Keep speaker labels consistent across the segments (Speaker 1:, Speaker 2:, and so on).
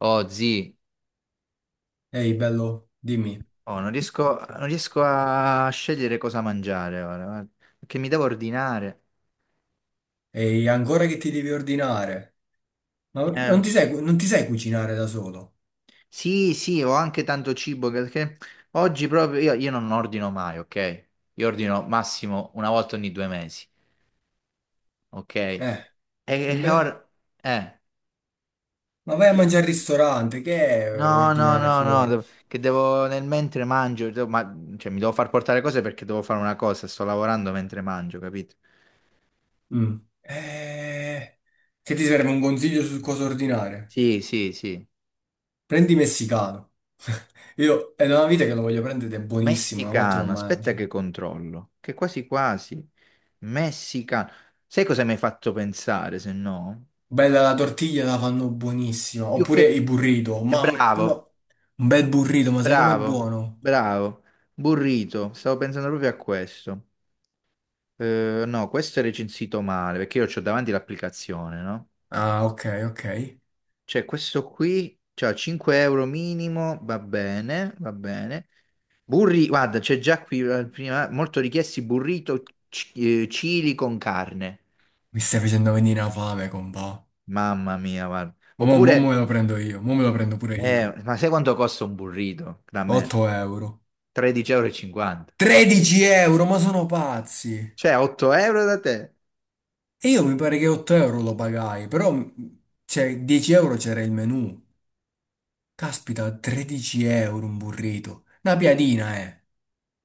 Speaker 1: Oh, zii,
Speaker 2: Ehi, bello, dimmi.
Speaker 1: oh, non riesco a scegliere cosa mangiare ora, guarda, perché mi devo ordinare.
Speaker 2: Ehi, ancora che ti devi ordinare? Ma non
Speaker 1: Lo
Speaker 2: ti
Speaker 1: so.
Speaker 2: sai, non ti sai cucinare da solo?
Speaker 1: Sì, sì, ho anche tanto cibo perché oggi proprio io non ordino mai, ok? Io ordino massimo una volta ogni 2 mesi, ok? E,
Speaker 2: Eh, e
Speaker 1: e
Speaker 2: beh,
Speaker 1: ora, eh,
Speaker 2: ma vai a mangiare al ristorante, che è
Speaker 1: no, no,
Speaker 2: ordinare
Speaker 1: no, no,
Speaker 2: fuori?
Speaker 1: che devo nel mentre mangio, ma, cioè mi devo far portare cose perché devo fare una cosa, sto lavorando mentre mangio, capito?
Speaker 2: Mm. Che ti serve un consiglio su cosa ordinare?
Speaker 1: Sì, sì, sì.
Speaker 2: Prendi messicano. Io è da una vita che lo voglio prendere ed è buonissimo, una volta lo
Speaker 1: Messicano, aspetta
Speaker 2: mangio.
Speaker 1: che controllo, che quasi quasi. Messicano. Sai cosa mi hai fatto pensare, se no?
Speaker 2: Bella la tortiglia, la fanno buonissima.
Speaker 1: Più
Speaker 2: Oppure
Speaker 1: che...
Speaker 2: il burrito, mamma, come-
Speaker 1: Bravo,
Speaker 2: un bel burrito, ma sai com'è
Speaker 1: bravo,
Speaker 2: buono?
Speaker 1: bravo. Burrito, stavo pensando proprio a questo. No, questo è recensito male, perché io ho davanti l'applicazione, no?
Speaker 2: Ah, ok, ok.
Speaker 1: Cioè, questo qui, cioè 5 € minimo, va bene, va bene. Guarda, c'è già qui prima, molto richiesti burrito cili con carne.
Speaker 2: Mi stai facendo venire la fame, compà.
Speaker 1: Mamma mia, guarda.
Speaker 2: Ma mo, mo
Speaker 1: Oppure,
Speaker 2: me lo prendo io, mo me lo prendo pure io.
Speaker 1: ma sai quanto costa un burrito da me?
Speaker 2: 8 euro.
Speaker 1: 13,50 euro. E cinquanta.
Speaker 2: 13 euro, ma sono pazzi.
Speaker 1: Cioè, 8 € da te?
Speaker 2: E io mi pare che 8 euro lo pagai, cioè, 10 euro c'era il menù. Caspita, 13 euro un burrito. Una piadina, eh.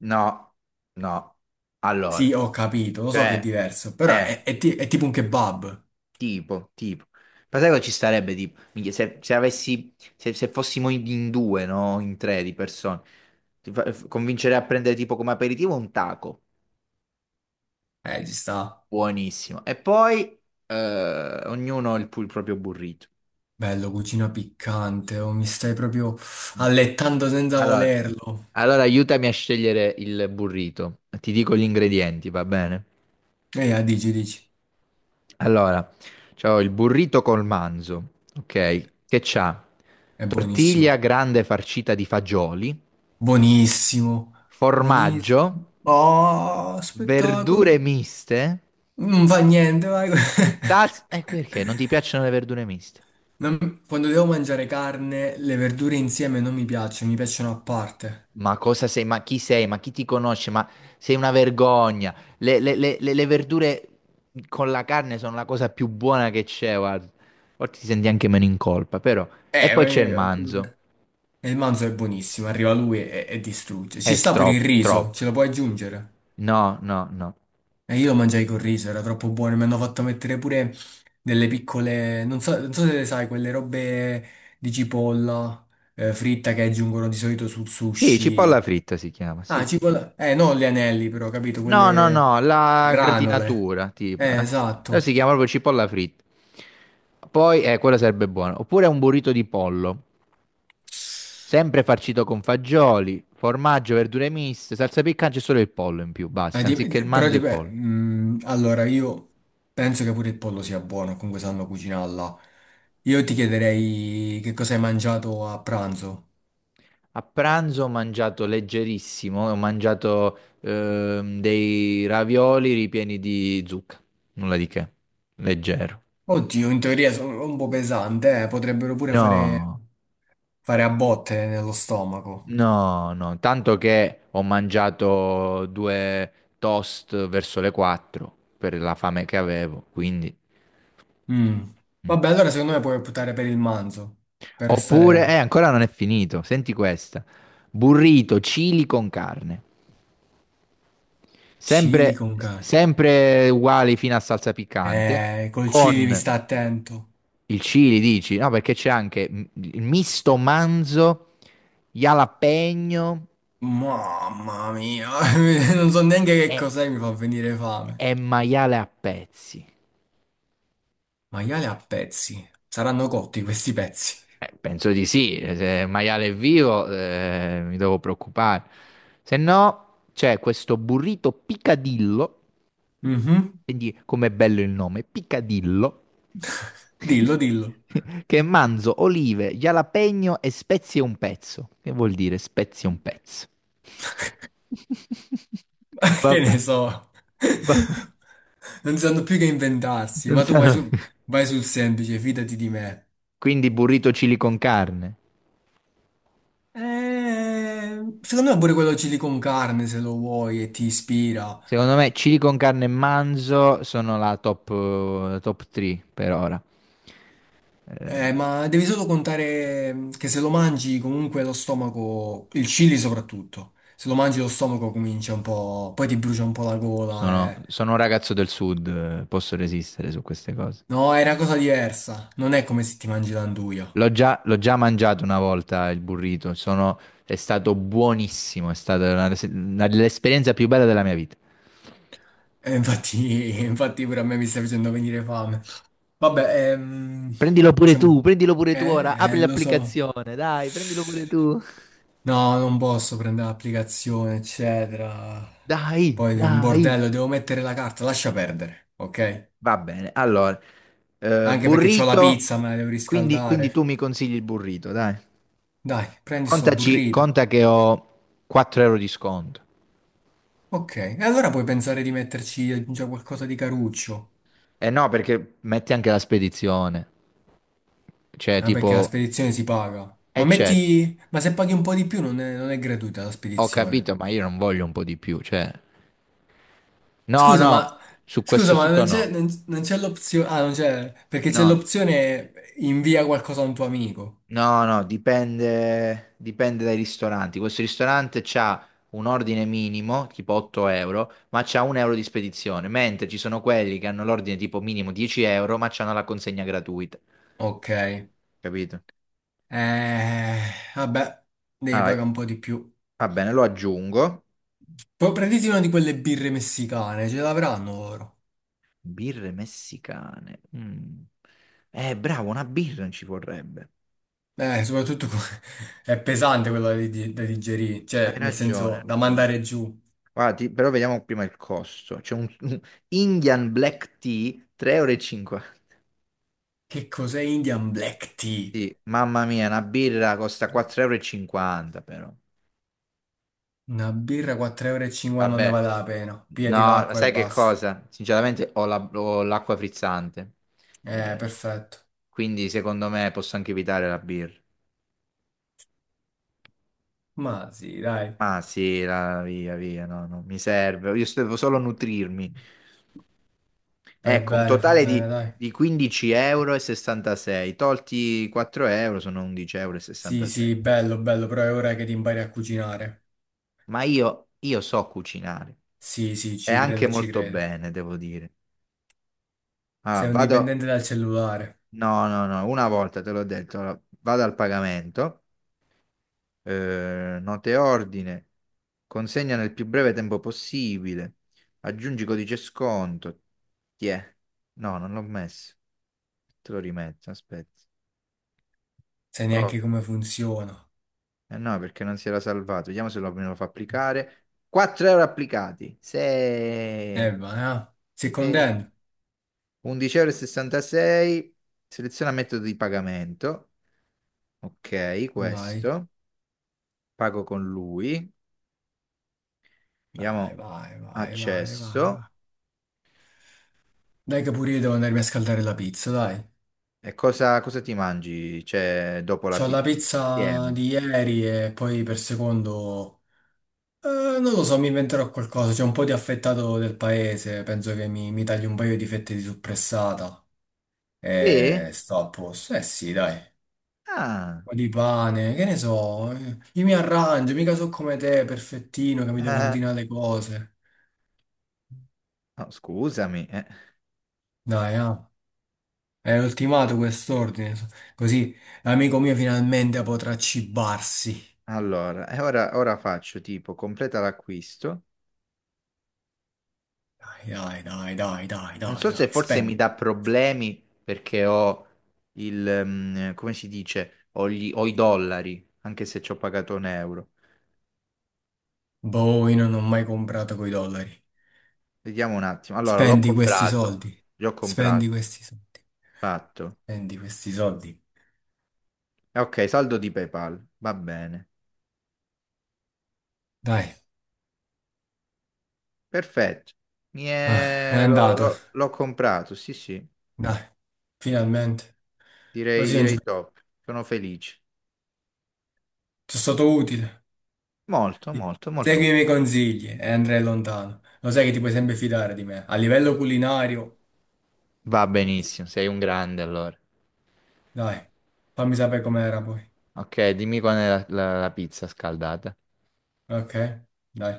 Speaker 1: No, no. Allora,
Speaker 2: Sì, ho capito, lo so che è
Speaker 1: cioè,
Speaker 2: diverso, però
Speaker 1: eh,
Speaker 2: è tipo un kebab.
Speaker 1: tipo, tipo. Ma sai cosa ci starebbe, tipo? Minchia, se avessi, se fossimo in due, no? In tre di persone. Convincerei a prendere tipo come aperitivo un taco.
Speaker 2: Ci sta.
Speaker 1: Buonissimo. E poi, ognuno il proprio burrito.
Speaker 2: Bello, cucina piccante, oh, mi stai proprio
Speaker 1: Mm.
Speaker 2: allettando senza
Speaker 1: Allora,
Speaker 2: volerlo.
Speaker 1: Allora, aiutami a scegliere il burrito. Ti dico gli ingredienti, va bene?
Speaker 2: Dici, dici.
Speaker 1: Allora, c'ho il burrito col manzo, ok? Che c'ha?
Speaker 2: È
Speaker 1: Tortiglia
Speaker 2: buonissimo.
Speaker 1: grande farcita di fagioli,
Speaker 2: Buonissimo, buonissimo.
Speaker 1: formaggio,
Speaker 2: Oh,
Speaker 1: verdure
Speaker 2: spettacolo.
Speaker 1: miste.
Speaker 2: Non fa niente, vai.
Speaker 1: Perché non ti piacciono le verdure miste?
Speaker 2: Non- quando devo mangiare carne, le verdure insieme non mi piacciono, mi piacciono a parte.
Speaker 1: Ma cosa sei? Ma chi sei? Ma chi ti conosce? Ma sei una vergogna. Le verdure con la carne sono la cosa più buona che c'è, guarda. Forse ti senti anche meno in colpa, però. E
Speaker 2: Eh,
Speaker 1: poi c'è il
Speaker 2: ma- appunto
Speaker 1: manzo.
Speaker 2: per- e il manzo è buonissimo, arriva lui e distrugge. Ci
Speaker 1: È
Speaker 2: sta pure il
Speaker 1: troppo,
Speaker 2: riso,
Speaker 1: troppo.
Speaker 2: ce lo puoi aggiungere.
Speaker 1: No, no, no.
Speaker 2: E io lo mangiai col riso, era troppo buono. Mi hanno fatto mettere pure delle piccole, non so, non so se le sai, quelle robe di cipolla fritta che aggiungono di solito sul
Speaker 1: Sì, cipolla
Speaker 2: sushi.
Speaker 1: fritta si chiama, sì.
Speaker 2: Ah,
Speaker 1: Sì.
Speaker 2: cipolla. Non gli anelli, però, capito?
Speaker 1: No, no,
Speaker 2: Quelle
Speaker 1: no, la
Speaker 2: granole.
Speaker 1: gratinatura, tipo. Però si
Speaker 2: Esatto.
Speaker 1: chiama proprio cipolla fritta. Poi, quella sarebbe buona. Oppure un burrito di pollo. Sempre farcito con fagioli, formaggio, verdure miste, salsa piccante e solo il pollo in più, basta, anziché il manzo e il pollo.
Speaker 2: Allora, io penso che pure il pollo sia buono, comunque sanno cucinarla. Io ti chiederei che cosa hai mangiato a pranzo.
Speaker 1: A pranzo ho mangiato leggerissimo, ho mangiato dei ravioli ripieni di zucca, nulla di che, leggero.
Speaker 2: Oddio, in teoria sono un po' pesante, potrebbero pure fare,
Speaker 1: No,
Speaker 2: fare a botte nello stomaco.
Speaker 1: no, no, tanto che ho mangiato due toast verso le 4 per la fame che avevo, quindi.
Speaker 2: Mm.
Speaker 1: Mm.
Speaker 2: Vabbè, allora secondo me puoi optare per il manzo, per
Speaker 1: Oppure,
Speaker 2: restare
Speaker 1: ancora non è finito, senti questa. Burrito, chili con carne.
Speaker 2: chili
Speaker 1: Sempre,
Speaker 2: con carne.
Speaker 1: sempre uguali fino a salsa piccante.
Speaker 2: Col civi sta
Speaker 1: Con
Speaker 2: attento.
Speaker 1: il chili, dici? No, perché c'è anche il misto manzo, jalapeno
Speaker 2: Mamma mia, non so neanche che
Speaker 1: e,
Speaker 2: cos'è, mi fa venire fame.
Speaker 1: e maiale a pezzi.
Speaker 2: Maiale a pezzi. Saranno cotti questi pezzi.
Speaker 1: Penso di sì, se il maiale è vivo, mi devo preoccupare. Se no, c'è questo burrito picadillo.
Speaker 2: Mhm.
Speaker 1: Quindi, com'è bello il nome, Picadillo,
Speaker 2: Dillo, dillo.
Speaker 1: che è manzo, olive, jalapeno e spezie un pezzo. Che vuol dire spezie un pezzo?
Speaker 2: Che ne
Speaker 1: Vabbè,
Speaker 2: so.
Speaker 1: vabbè,
Speaker 2: Non sanno più che inventarsi,
Speaker 1: non
Speaker 2: ma tu vai,
Speaker 1: sarà.
Speaker 2: su- vai sul semplice, fidati di me.
Speaker 1: Quindi burrito chili con carne.
Speaker 2: Secondo me pure quello chili con carne, se lo vuoi e ti ispira.
Speaker 1: Secondo me chili con carne e manzo sono la top, 3 per ora. Eh,
Speaker 2: Ma devi solo contare che se lo mangi comunque lo stomaco, il chili soprattutto, se lo mangi lo stomaco comincia un po', poi ti brucia un po' la gola.
Speaker 1: sono,
Speaker 2: Eh.
Speaker 1: sono un ragazzo del sud, posso resistere su queste cose.
Speaker 2: No, è una cosa diversa, non è come se ti mangi l'anduja.
Speaker 1: L'ho già mangiato una volta il burrito, è stato buonissimo, è stata l'esperienza più bella della mia vita.
Speaker 2: E infatti, infatti pure a me mi sta facendo venire fame. Vabbè, diciamo-
Speaker 1: Prendilo pure tu ora, apri
Speaker 2: lo so.
Speaker 1: l'applicazione, dai, prendilo pure tu.
Speaker 2: No, non posso prendere l'applicazione, eccetera.
Speaker 1: Dai,
Speaker 2: Poi è un
Speaker 1: dai.
Speaker 2: bordello, devo mettere la carta, lascia perdere, ok?
Speaker 1: Va bene, allora,
Speaker 2: Anche perché c'ho la
Speaker 1: burrito,
Speaker 2: pizza, me la devo
Speaker 1: quindi tu
Speaker 2: riscaldare.
Speaker 1: mi consigli il burrito, dai.
Speaker 2: Dai, prendi sto
Speaker 1: Contaci,
Speaker 2: burrito.
Speaker 1: conta che ho 4 € di sconto.
Speaker 2: Ok, e allora puoi pensare di metterci già qualcosa di caruccio.
Speaker 1: Eh no, perché metti anche la spedizione, cioè
Speaker 2: Ah, perché la
Speaker 1: tipo.
Speaker 2: spedizione si paga.
Speaker 1: Eh
Speaker 2: Ma
Speaker 1: certo.
Speaker 2: metti... Ma se paghi un po' di più non è gratuita la
Speaker 1: Ho
Speaker 2: spedizione.
Speaker 1: capito, ma io non voglio un po' di più, cioè. No,
Speaker 2: Scusa,
Speaker 1: no,
Speaker 2: ma...
Speaker 1: su
Speaker 2: Scusa,
Speaker 1: questo
Speaker 2: ma
Speaker 1: sito no.
Speaker 2: non c'è l'opzione... Ah, non c'è... Perché c'è
Speaker 1: No,
Speaker 2: l'opzione invia qualcosa a un tuo amico.
Speaker 1: no, no, dipende dai ristoranti. Questo ristorante c'ha un ordine minimo, tipo 8 euro, ma c'ha 1 € di spedizione, mentre ci sono quelli che hanno l'ordine tipo minimo 10 euro, ma c'hanno la consegna gratuita.
Speaker 2: Ok.
Speaker 1: Capito?
Speaker 2: Eh... Vabbè, devi pagare un
Speaker 1: Allora,
Speaker 2: po' di più.
Speaker 1: va bene, lo aggiungo.
Speaker 2: Poi prenditi una di quelle birre messicane, ce l'avranno loro.
Speaker 1: Birre messicane. Mm. Bravo, una birra ci vorrebbe.
Speaker 2: Soprattutto è pesante quello da digerire,
Speaker 1: Hai
Speaker 2: cioè nel
Speaker 1: ragione, hai
Speaker 2: senso da
Speaker 1: ragione.
Speaker 2: mandare giù.
Speaker 1: Guarda, però vediamo prima il costo. C'è un Indian Black Tea 3,50 euro. E cinquanta.
Speaker 2: Che cos'è Indian Black Tea?
Speaker 1: Sì, mamma mia, una birra costa 4,50 € e cinquanta però.
Speaker 2: Una birra 4,50 euro e cinquanta non ne
Speaker 1: Vabbè,
Speaker 2: vale la pena.
Speaker 1: no,
Speaker 2: Pigliati
Speaker 1: ma
Speaker 2: l'acqua e
Speaker 1: sai che
Speaker 2: basta.
Speaker 1: cosa? Sinceramente ho l'acqua frizzante. Eh,
Speaker 2: Perfetto.
Speaker 1: quindi secondo me posso anche evitare la birra.
Speaker 2: Ma sì, dai,
Speaker 1: Ah sì, via, via, no, non mi serve. Io devo solo nutrirmi. Ecco, un
Speaker 2: fai
Speaker 1: totale
Speaker 2: bene,
Speaker 1: di,
Speaker 2: dai.
Speaker 1: di 15 € e 66, tolti 4 € sono 11 € e
Speaker 2: Sì,
Speaker 1: 66.
Speaker 2: sì, bello, bello, però è ora che ti impari a cucinare.
Speaker 1: Ma io so cucinare
Speaker 2: Sì, sì,
Speaker 1: e
Speaker 2: ci
Speaker 1: anche
Speaker 2: credo, ci
Speaker 1: molto
Speaker 2: credo.
Speaker 1: bene, devo dire. Ah,
Speaker 2: Sei un
Speaker 1: vado,
Speaker 2: dipendente dal cellulare,
Speaker 1: no, no, no, una volta te l'ho detto, allora, vado al pagamento, note ordine, consegna nel più breve tempo possibile, aggiungi codice sconto. Ti è? No, non l'ho messo. Te lo rimetto, aspetta.
Speaker 2: sai
Speaker 1: Ok.
Speaker 2: neanche come funziona.
Speaker 1: Eh no, perché non si era salvato. Vediamo se lo, me lo fa applicare. 4 € applicati. 6.
Speaker 2: Va, eh. Sei contento?
Speaker 1: 11,66 euro. E sessantasei. Seleziona metodo di pagamento. Ok,
Speaker 2: Vai.
Speaker 1: questo. Pago con lui.
Speaker 2: Vai,
Speaker 1: Diamo
Speaker 2: vai, vai, vai, vai,
Speaker 1: accesso.
Speaker 2: vai. Dai che pure io devo andarmi a scaldare la pizza, dai.
Speaker 1: E cosa ti mangi? Cioè, dopo la
Speaker 2: C'ho la
Speaker 1: pizza?
Speaker 2: pizza
Speaker 1: Insieme.
Speaker 2: di ieri e poi per secondo... eh, non lo so, mi inventerò qualcosa. C'è un po' di affettato del paese, penso che mi taglio un paio di fette di suppressata
Speaker 1: Sì?
Speaker 2: e sto a posto. Eh sì, dai. Un
Speaker 1: Ah.
Speaker 2: po' di pane, che ne so. Io mi arrangio, mica so come te, perfettino, che mi devo
Speaker 1: eh,
Speaker 2: ordinare le cose.
Speaker 1: no, scusami. Eh.
Speaker 2: Dai, ah. È ultimato quest'ordine, so- così l'amico mio finalmente potrà cibarsi.
Speaker 1: Allora, e ora faccio tipo completa l'acquisto.
Speaker 2: Dai, dai, dai, dai, dai,
Speaker 1: Non
Speaker 2: dai,
Speaker 1: so se
Speaker 2: dai,
Speaker 1: forse mi
Speaker 2: spendi.
Speaker 1: dà problemi perché ho il, come si dice, ho, ho i dollari, anche se ci ho pagato un euro.
Speaker 2: Boh, io non ho mai comprato coi dollari.
Speaker 1: Vediamo un attimo. Allora,
Speaker 2: Spendi questi soldi.
Speaker 1: l'ho comprato,
Speaker 2: Spendi questi soldi.
Speaker 1: fatto.
Speaker 2: Spendi questi soldi.
Speaker 1: Ok, saldo di PayPal, va bene.
Speaker 2: Dai,
Speaker 1: Perfetto.
Speaker 2: ah, è andato.
Speaker 1: L'ho comprato, sì, sì,
Speaker 2: Dai, finalmente.
Speaker 1: direi,
Speaker 2: Così non ci
Speaker 1: direi
Speaker 2: penso.
Speaker 1: top. Sono felice.
Speaker 2: Sono stato utile.
Speaker 1: Molto, molto,
Speaker 2: Segui i
Speaker 1: molto.
Speaker 2: miei consigli e andrai lontano. Lo sai che ti puoi sempre fidare di me. A livello culinario,
Speaker 1: Va benissimo, sei un grande allora.
Speaker 2: dai, fammi sapere com'era poi.
Speaker 1: Ok, dimmi quando è la pizza scaldata.
Speaker 2: Ok, dai.